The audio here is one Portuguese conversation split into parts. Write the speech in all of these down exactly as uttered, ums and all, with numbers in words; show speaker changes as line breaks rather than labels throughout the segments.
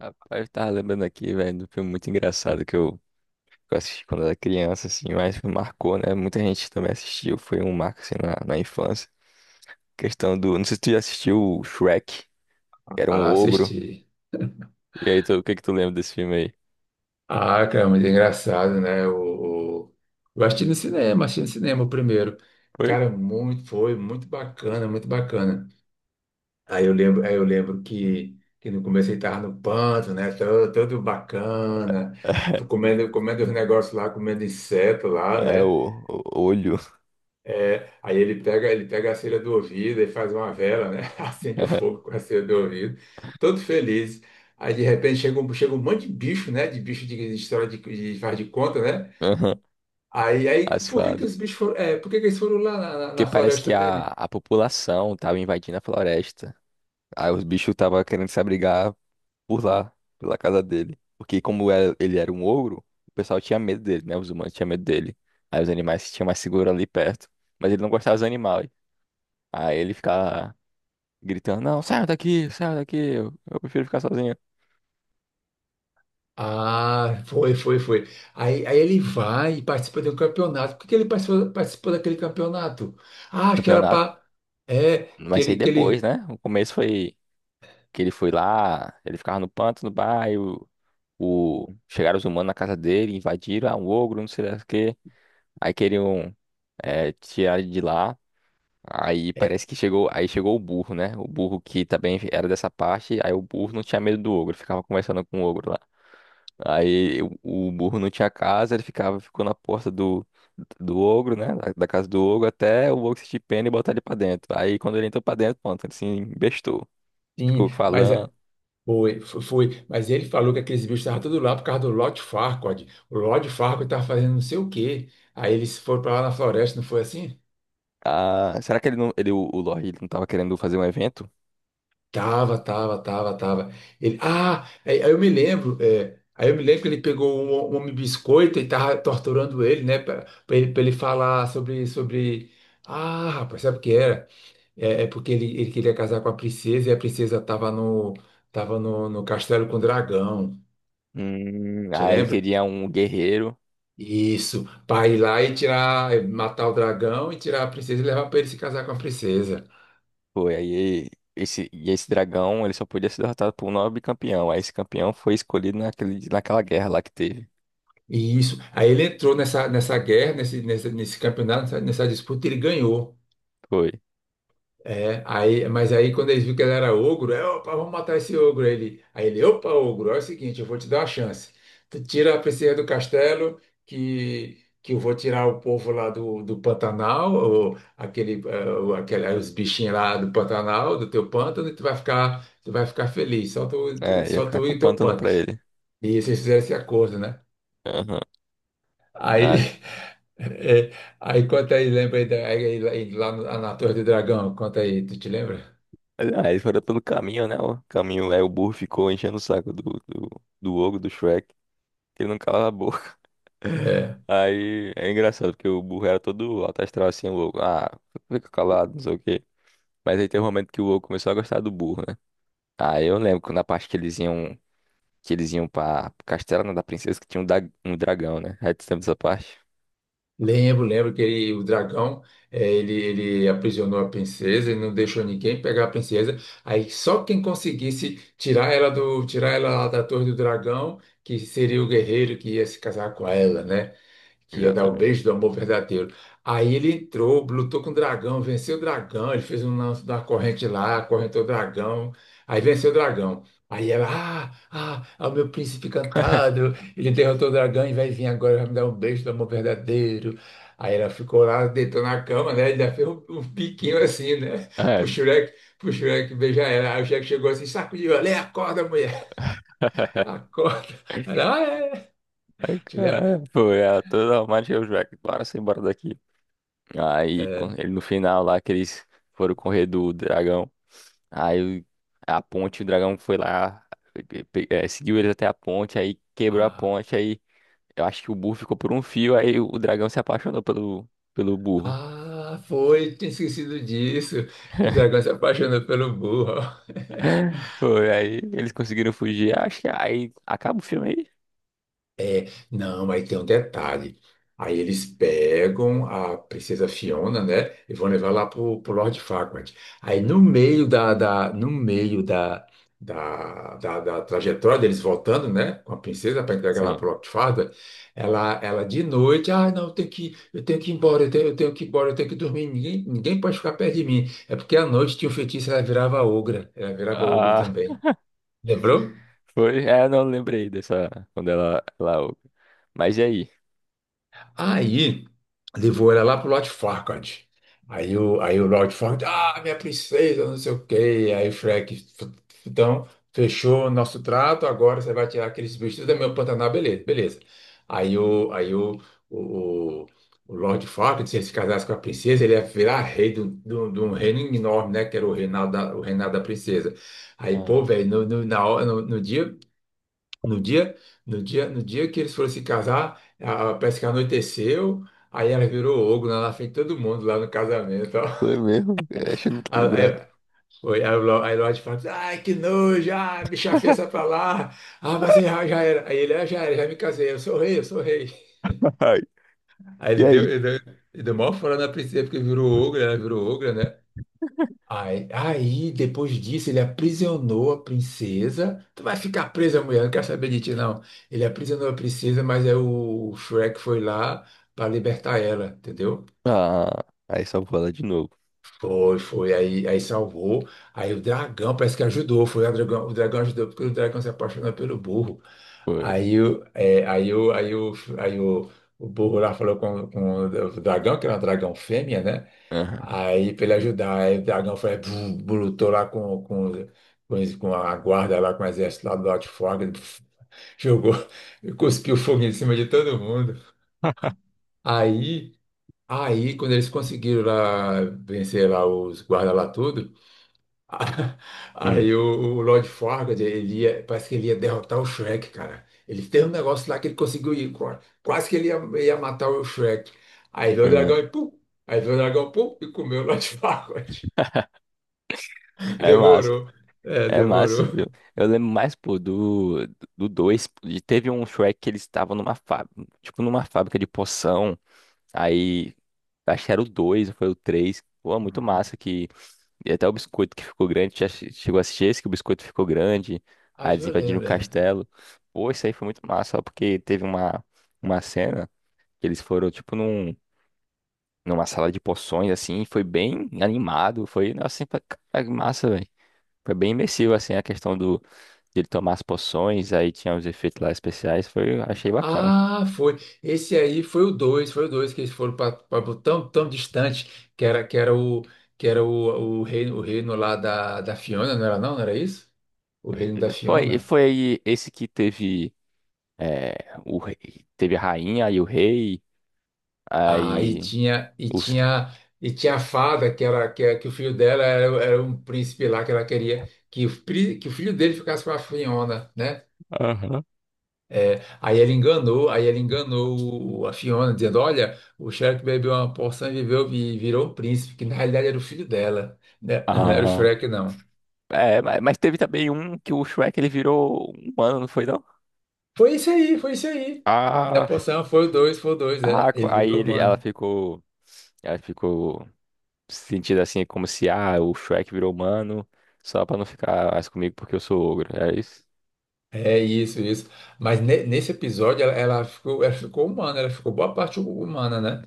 Rapaz, eu tava lembrando aqui, velho, do filme muito engraçado que eu, que eu assisti quando era criança, assim, mas me marcou, né? Muita gente também assistiu, foi um marco, assim, na, na infância. Questão do... Não sei se tu já assistiu o Shrek, que era um
Ah,
ogro.
assisti.
E aí, tu, o que que tu lembra desse filme aí?
Ah, cara, é muito engraçado, né? O, o- eu assisti no cinema, assisti no cinema o primeiro.
Foi?
Cara, muito, foi muito bacana, muito bacana. Aí eu lembro, aí eu lembro
Hum.
que, que no começo ele tava no panto, né? Todo, todo bacana, comendo, comendo os negócios lá, comendo inseto lá,
É,
né?
o, o olho.
É, aí ele pega, ele pega a cera do ouvido e faz uma vela, né? Acende o fogo com a cera do ouvido, todo feliz. Aí de repente chega um, chega um monte de bicho, né? De bicho de, de história de, de faz de conta, né?
Aham.
Aí, aí
As
por que que
fadas.
os bichos foram, é, por que que eles foram lá na, na
Porque
na
parece que
floresta
a,
dele?
a população tava invadindo a floresta. Aí os bichos tava querendo se abrigar por lá, pela casa dele. Porque como era ele era um ogro, o pessoal tinha medo dele, né? Os humanos tinham medo dele. Aí os animais se tinham mais seguro ali perto. Mas ele não gostava dos animais. Aí ele ficava gritando, não, sai daqui, sai daqui, eu, eu prefiro ficar sozinho.
Ah, foi, foi, foi. Aí, aí ele vai e participa de um campeonato. Por que que ele participou, participou daquele campeonato? Ah, acho que era
Campeonato.
para. É. que
Mas isso aí
ele, que
depois,
ele.
né? O começo foi que ele foi lá, ele ficava no pântano, no bairro, o... chegaram os humanos na casa dele, invadiram, ah, um ogro, não sei lá o quê. Aí queriam eh, tirar ele de lá. Aí
é,
parece que chegou, aí chegou o burro, né? O burro que também era dessa parte, aí o burro não tinha medo do ogro, ficava conversando com o ogro lá. Aí o, o burro não tinha casa, ele ficava, ficou na porta do, do ogro, né? Da, da casa do ogro até o ogro se pena e botar ele pra dentro. Aí quando ele entrou pra dentro, pronto, ele se embestou.
Sim.
Ficou
mas
falando.
Foi, fo- foi, mas ele falou que aqueles bichos estavam tudo lá por causa do Lord Farquaad. O Lord Farquaad estava fazendo não sei o quê. Aí eles foram para lá na floresta, não foi assim?
Ah, será que ele não, ele, o, o Lorde, ele não tava querendo fazer um evento?
Tava, tava, tava, tava. Ele, ah, aí, aí eu me lembro, é, aí eu me lembro que ele pegou um, um homem biscoito e tava torturando ele, né, para ele, pra ele falar sobre, sobre. Ah, rapaz, sabe o que era? É, é porque ele, ele queria casar com a princesa e a princesa tava no, tava no, no castelo com o dragão.
Hum,
Te
ah, ele
lembra?
queria um guerreiro.
Isso, para ir lá e tirar, eh, matar o dragão e tirar a princesa e levar para ele se casar com a princesa.
Foi, aí esse, e esse dragão, ele só podia ser derrotado por um nobre campeão. Aí esse campeão foi escolhido naquele, naquela guerra lá que teve.
E isso. Aí ele entrou nessa, nessa guerra, nesse, nesse, nesse campeonato, nessa, nessa disputa, e ele ganhou.
Foi.
É, aí, mas aí quando eles viram que ele era ogro, é, opa, vamos matar esse ogro. Aí ele, aí ele, opa, ogro, é o seguinte, eu vou te dar uma chance. Tu tira a princesa do castelo, que, que eu vou tirar o povo lá do, do Pantanal, ou aquele, eh, o- aquele, os bichinhos lá do Pantanal, do teu pântano, e tu vai ficar, tu vai ficar feliz, só tu,
É, ia
só
ficar
tu
com o
e teu
pântano
pântano.
pra ele.
E eles fizeram esse acordo, né?
Aham.
Aí,
Aí,
é, aí conta aí, lembra aí, da- aí, aí lá no- na Torre do Dragão, conta aí, tu te lembra?
aí eles foram pelo caminho, né? O caminho, aí o burro ficou enchendo o saco do, do, do ogro, do Shrek, que ele não calava a boca.
É.
Aí é engraçado, porque o burro era todo alto astral assim, o ogro. Ah, fica calado, não sei o quê. Mas aí tem um momento que o ogro começou a gostar do burro, né? Aí eu lembro que na parte que eles iam que eles iam pra Castelo da Princesa, que tinha um, da- um dragão, né? Aí tu lembra dessa parte?
Lembro, lembro que ele- o dragão, eh, ele, ele aprisionou a princesa, ele não deixou ninguém pegar a princesa. Aí só quem conseguisse tirar ela do, tirar ela lá da torre do dragão, que seria o guerreiro que ia se casar com ela, né? Que ia dar o
Exatamente.
beijo do amor verdadeiro. Aí ele entrou, lutou com o dragão, venceu o dragão, ele fez um lance da corrente lá, acorrentou o dragão, aí venceu o dragão. Aí ela, ah, ah, é o meu príncipe encantado, ele derrotou o dragão e vai vir agora, vai me dar um beijo do amor verdadeiro. Aí ela ficou lá, deitou na cama, né? Ele ainda fez um, um piquinho assim, né?
É,
Pro Shrek, pro Shrek beijar ela. Aí o Shrek chegou assim, sacudiu ela: "Ei, acorda, mulher, acorda." Ela, ah, é.
é,
Te lembra?
cara, foi, é, toda a marcha os moleques, bora se embora daqui. Aí, com-
É.
ele no final lá, que eles foram correr do dragão. Aí, o- a ponte, o dragão foi lá, pe- pe- é, seguiu eles até a ponte, aí quebrou a
Ah,
ponte, aí eu acho que o burro ficou por um fio, aí o dragão se apaixonou pelo, pelo burro.
ah, foi, tinha esquecido disso, que o dragão se apaixonou pelo burro.
Foi, aí eles conseguiram fugir, acho que aí acaba o filme
Não, aí tem um detalhe. Aí eles pegam a princesa Fiona, né, e vão levar lá pro, pro Lord Farquaad. Aí
aí.
no meio da, da- no meio da, da, da, da trajetória deles voltando, né, com a princesa para entregar lá
Sim.
pro Lord Farquaad, ela, ela de noite, ah, não, eu tenho que, eu tenho que ir embora, eu tenho, eu tenho que ir embora, eu tenho que dormir, ninguém, ninguém pode ficar perto de mim. É porque à noite tinha um feitiço, ela virava ogra, ela virava ogro
Ah,
também. Lembrou?
foi. É, eu não lembrei dessa. Quando ela. Ela... Mas e aí?
Aí levou ela lá pro Lord Farquaad. Aí o, aí o Lord Farquaad, ah, minha princesa, não sei o quê. Aí o Shrek: "F- então, fechou o nosso trato, agora você vai tirar aqueles bichos tudo da minha Pantanal, beleza, beleza." Aí o, aí o, o, o Lord Farquaad, se ele se casasse com a princesa, ele ia virar rei de um de um- de um reino enorme, né? Que era o reinado da, o reinado da princesa. Aí, pô,
Ah.
velho, no, no, na hora- no, no dia. No dia, no dia, no dia que eles foram se casar, a, a- parece que anoiteceu, aí ela virou ogro, né? Lá na frente de todo mundo lá no casamento,
Foi
ó.
mesmo? Eu acho nem
Aí,
lembrado.
aí, foi, aí, o Lo- aí Lorde fala: "Ai, que nojo, ah, bicha feia, sai pra lá. Ah, mas já, já era." Aí ele: "Ah, já era, já me casei, eu sou rei, eu sou rei."
Ai,
Aí
e
ele deu,
aí?
ele deu, ele deu maior fora na princesa, porque virou ogro, ela virou ogra, né? Aí, aí, depois disso, ele aprisionou a princesa. "Tu vai ficar presa, mulher, não quero saber de ti, não." Ele aprisionou a princesa, mas aí o Shrek foi lá para libertar ela, entendeu?
Ah, aí só vou lá de novo.
Foi, foi. Aí, aí salvou. Aí o dragão parece que ajudou. Foi o dragão, o dragão ajudou, porque o dragão se apaixonou pelo burro.
Foi.
Aí, o- é, aí, o aí, o aí o, o burro lá falou com, com o dragão, que era um dragão fêmea, né?
Aham.
Aí, pra ele ajudar, aí o dragão foi, bum, lutou lá com, com, com, os- com a guarda lá, com o exército lá do Alto Fogo, jogou, cuspiu fogo em cima de todo mundo. Aí, aí, quando eles conseguiram lá vencer lá os guardas lá tudo, a-
Hum,
aí o, o Lord Farquaad, ele ia, parece que ele ia derrotar o Shrek, cara. Ele tem um negócio lá que ele conseguiu ir, qua- quase que ele ia, ia, matar o Shrek. Aí veio
foi
o dragão
mesmo.
e pum, aí veio o dragão pum, e comeu o Lord Farquaad.
É massa.
Demorou. É,
É massa,
demorou.
viu? Eu lembro mais, pô, do do dois. Teve um Shrek que eles estavam numa fábrica, tipo numa fábrica de poção. Aí, acho que era o dois foi o três. Pô, muito
Uhum.
massa que. E até o biscoito que ficou grande. Já che- chegou a assistir esse que o biscoito ficou grande. Aí
Acho que
eles
eu
invadiram o
lembro, é.
castelo. Pô, isso aí foi muito massa, só porque teve uma, uma cena que eles foram, tipo, num, numa sala de poções, assim. E foi bem animado. Foi, assim, pra, cara, que massa, velho. Foi bem imersivo, assim, a questão do, de ele tomar as poções. Aí tinha os efeitos lá especiais. Foi, achei bacana.
Ah, foi. Esse aí foi o dois, foi o dois que eles foram para tão, tão distante que era, que era o que era o, o reino, o reino lá da, da Fiona, não era não? Não era isso? O reino da
Foi,
Fiona.
foi esse que teve. É, o rei, teve a rainha e o rei,
Ah, e
aí
tinha e
os.
tinha e tinha a fada, que era que, era- que o filho dela era, era um príncipe lá, que ela queria que o, pri- que o filho dele ficasse com a Fiona, né?
Aham.
É, aí ele enganou, aí ele enganou o- a Fiona, dizendo: "Olha, o Shrek bebeu uma porção e viveu e virou um príncipe", que na realidade era o filho dela, né? Não era o
Ah,
Shrek, não.
é, ma- mas teve também um que o Shrek ele virou um humano, não foi não?
Foi isso aí, foi isso aí. Da
Ah,
porção foi o dois, foi o dois, é.
ah, co-
Ele
aí
virou
ele, ela
humano.
ficou, ela ficou se sentindo assim como se ah, o Shrek virou humano só pra não ficar mais comigo porque eu sou ogro, é isso?
É isso, isso. Mas ne- nesse episódio ela, ela ficou, ela ficou humana, ela ficou boa parte humana, né?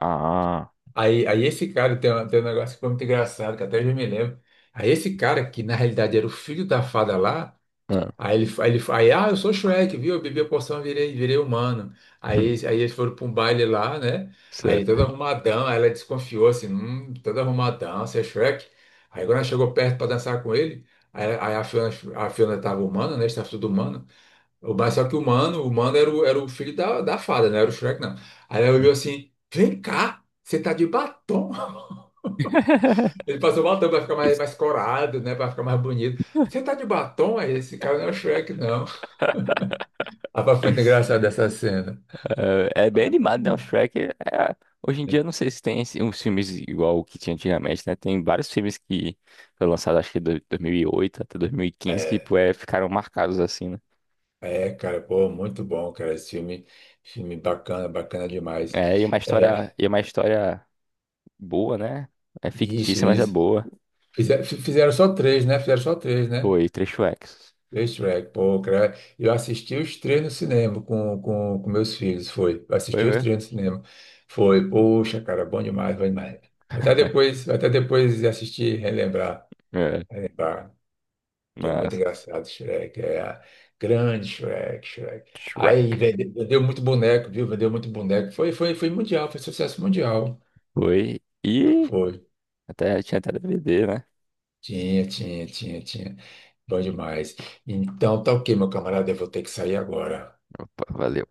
Ah,
Aí, aí esse cara tem, um- tem um negócio que foi muito engraçado, que até eu me lembro. Aí esse cara, que na realidade era o filho da fada lá.
ah.
Aí ele, aí ele, aí, ah, eu sou Shrek, viu? Eu bebi a poção, virei, virei humano. Aí,
Hum.
eles- aí eles foram para um baile lá, né? Aí
Certo.
todo arrumadão, aí ela desconfiou assim: hum, "Todo arrumadão, você é Shrek?" Aí quando ela chegou perto para dançar com ele, aí, aí a Fiona, a Fiona tava humana, né? Estava tudo humano. O- Mas só que o humano, o humano era o, era o filho da, da fada, não era o Shrek, não. Aí ela olhou assim: "Vem cá, você tá de batom." Ele passou batom para ficar mais, mais corado, né? Para ficar mais bonito. "Você tá de batom? Aí esse cara não é o Shrek, não." Rapaz, foi muito engraçado essa cena.
É é bem animado, né? O Shrek é- Hoje em dia, eu não sei se tem esse- uns filmes igual o que tinha antigamente, né? Tem vários filmes que foram lançados, acho que de dois mil e oito até dois mil e quinze, que
É,
pô, é, ficaram marcados assim, né?
é, cara, pô, muito bom, cara. Esse filme, filme bacana, bacana demais.
É, e é uma história,
É,
e é uma história boa, né? É
isso,
fictícia, mas é
isso.
boa.
Fizer- Fizeram, só três, né? Fizeram só três, né?
Foi três Shreks.
Três Shrek, pô, cara. Eu assisti os três no cinema com, com, com meus filhos, foi. Eu
Foi
assisti os
mesmo?
três no cinema. Foi, poxa, cara, bom demais, bom demais. Vou Até depois, vou até depois assistir, relembrar,
É,
relembrar. Que é muito
mas
engraçado, Shrek. É grande Shrek, Shrek.
Shrek.
Aí vende- vendeu muito boneco, viu? Vendeu muito boneco. Foi, foi, foi mundial, foi sucesso mundial.
Foi. E
Foi.
até, tinha até D V D, né?
Tinha, tinha, tinha, tinha. Bom demais. Então, tá ok, meu camarada. Eu vou ter que sair agora.
Opa, valeu.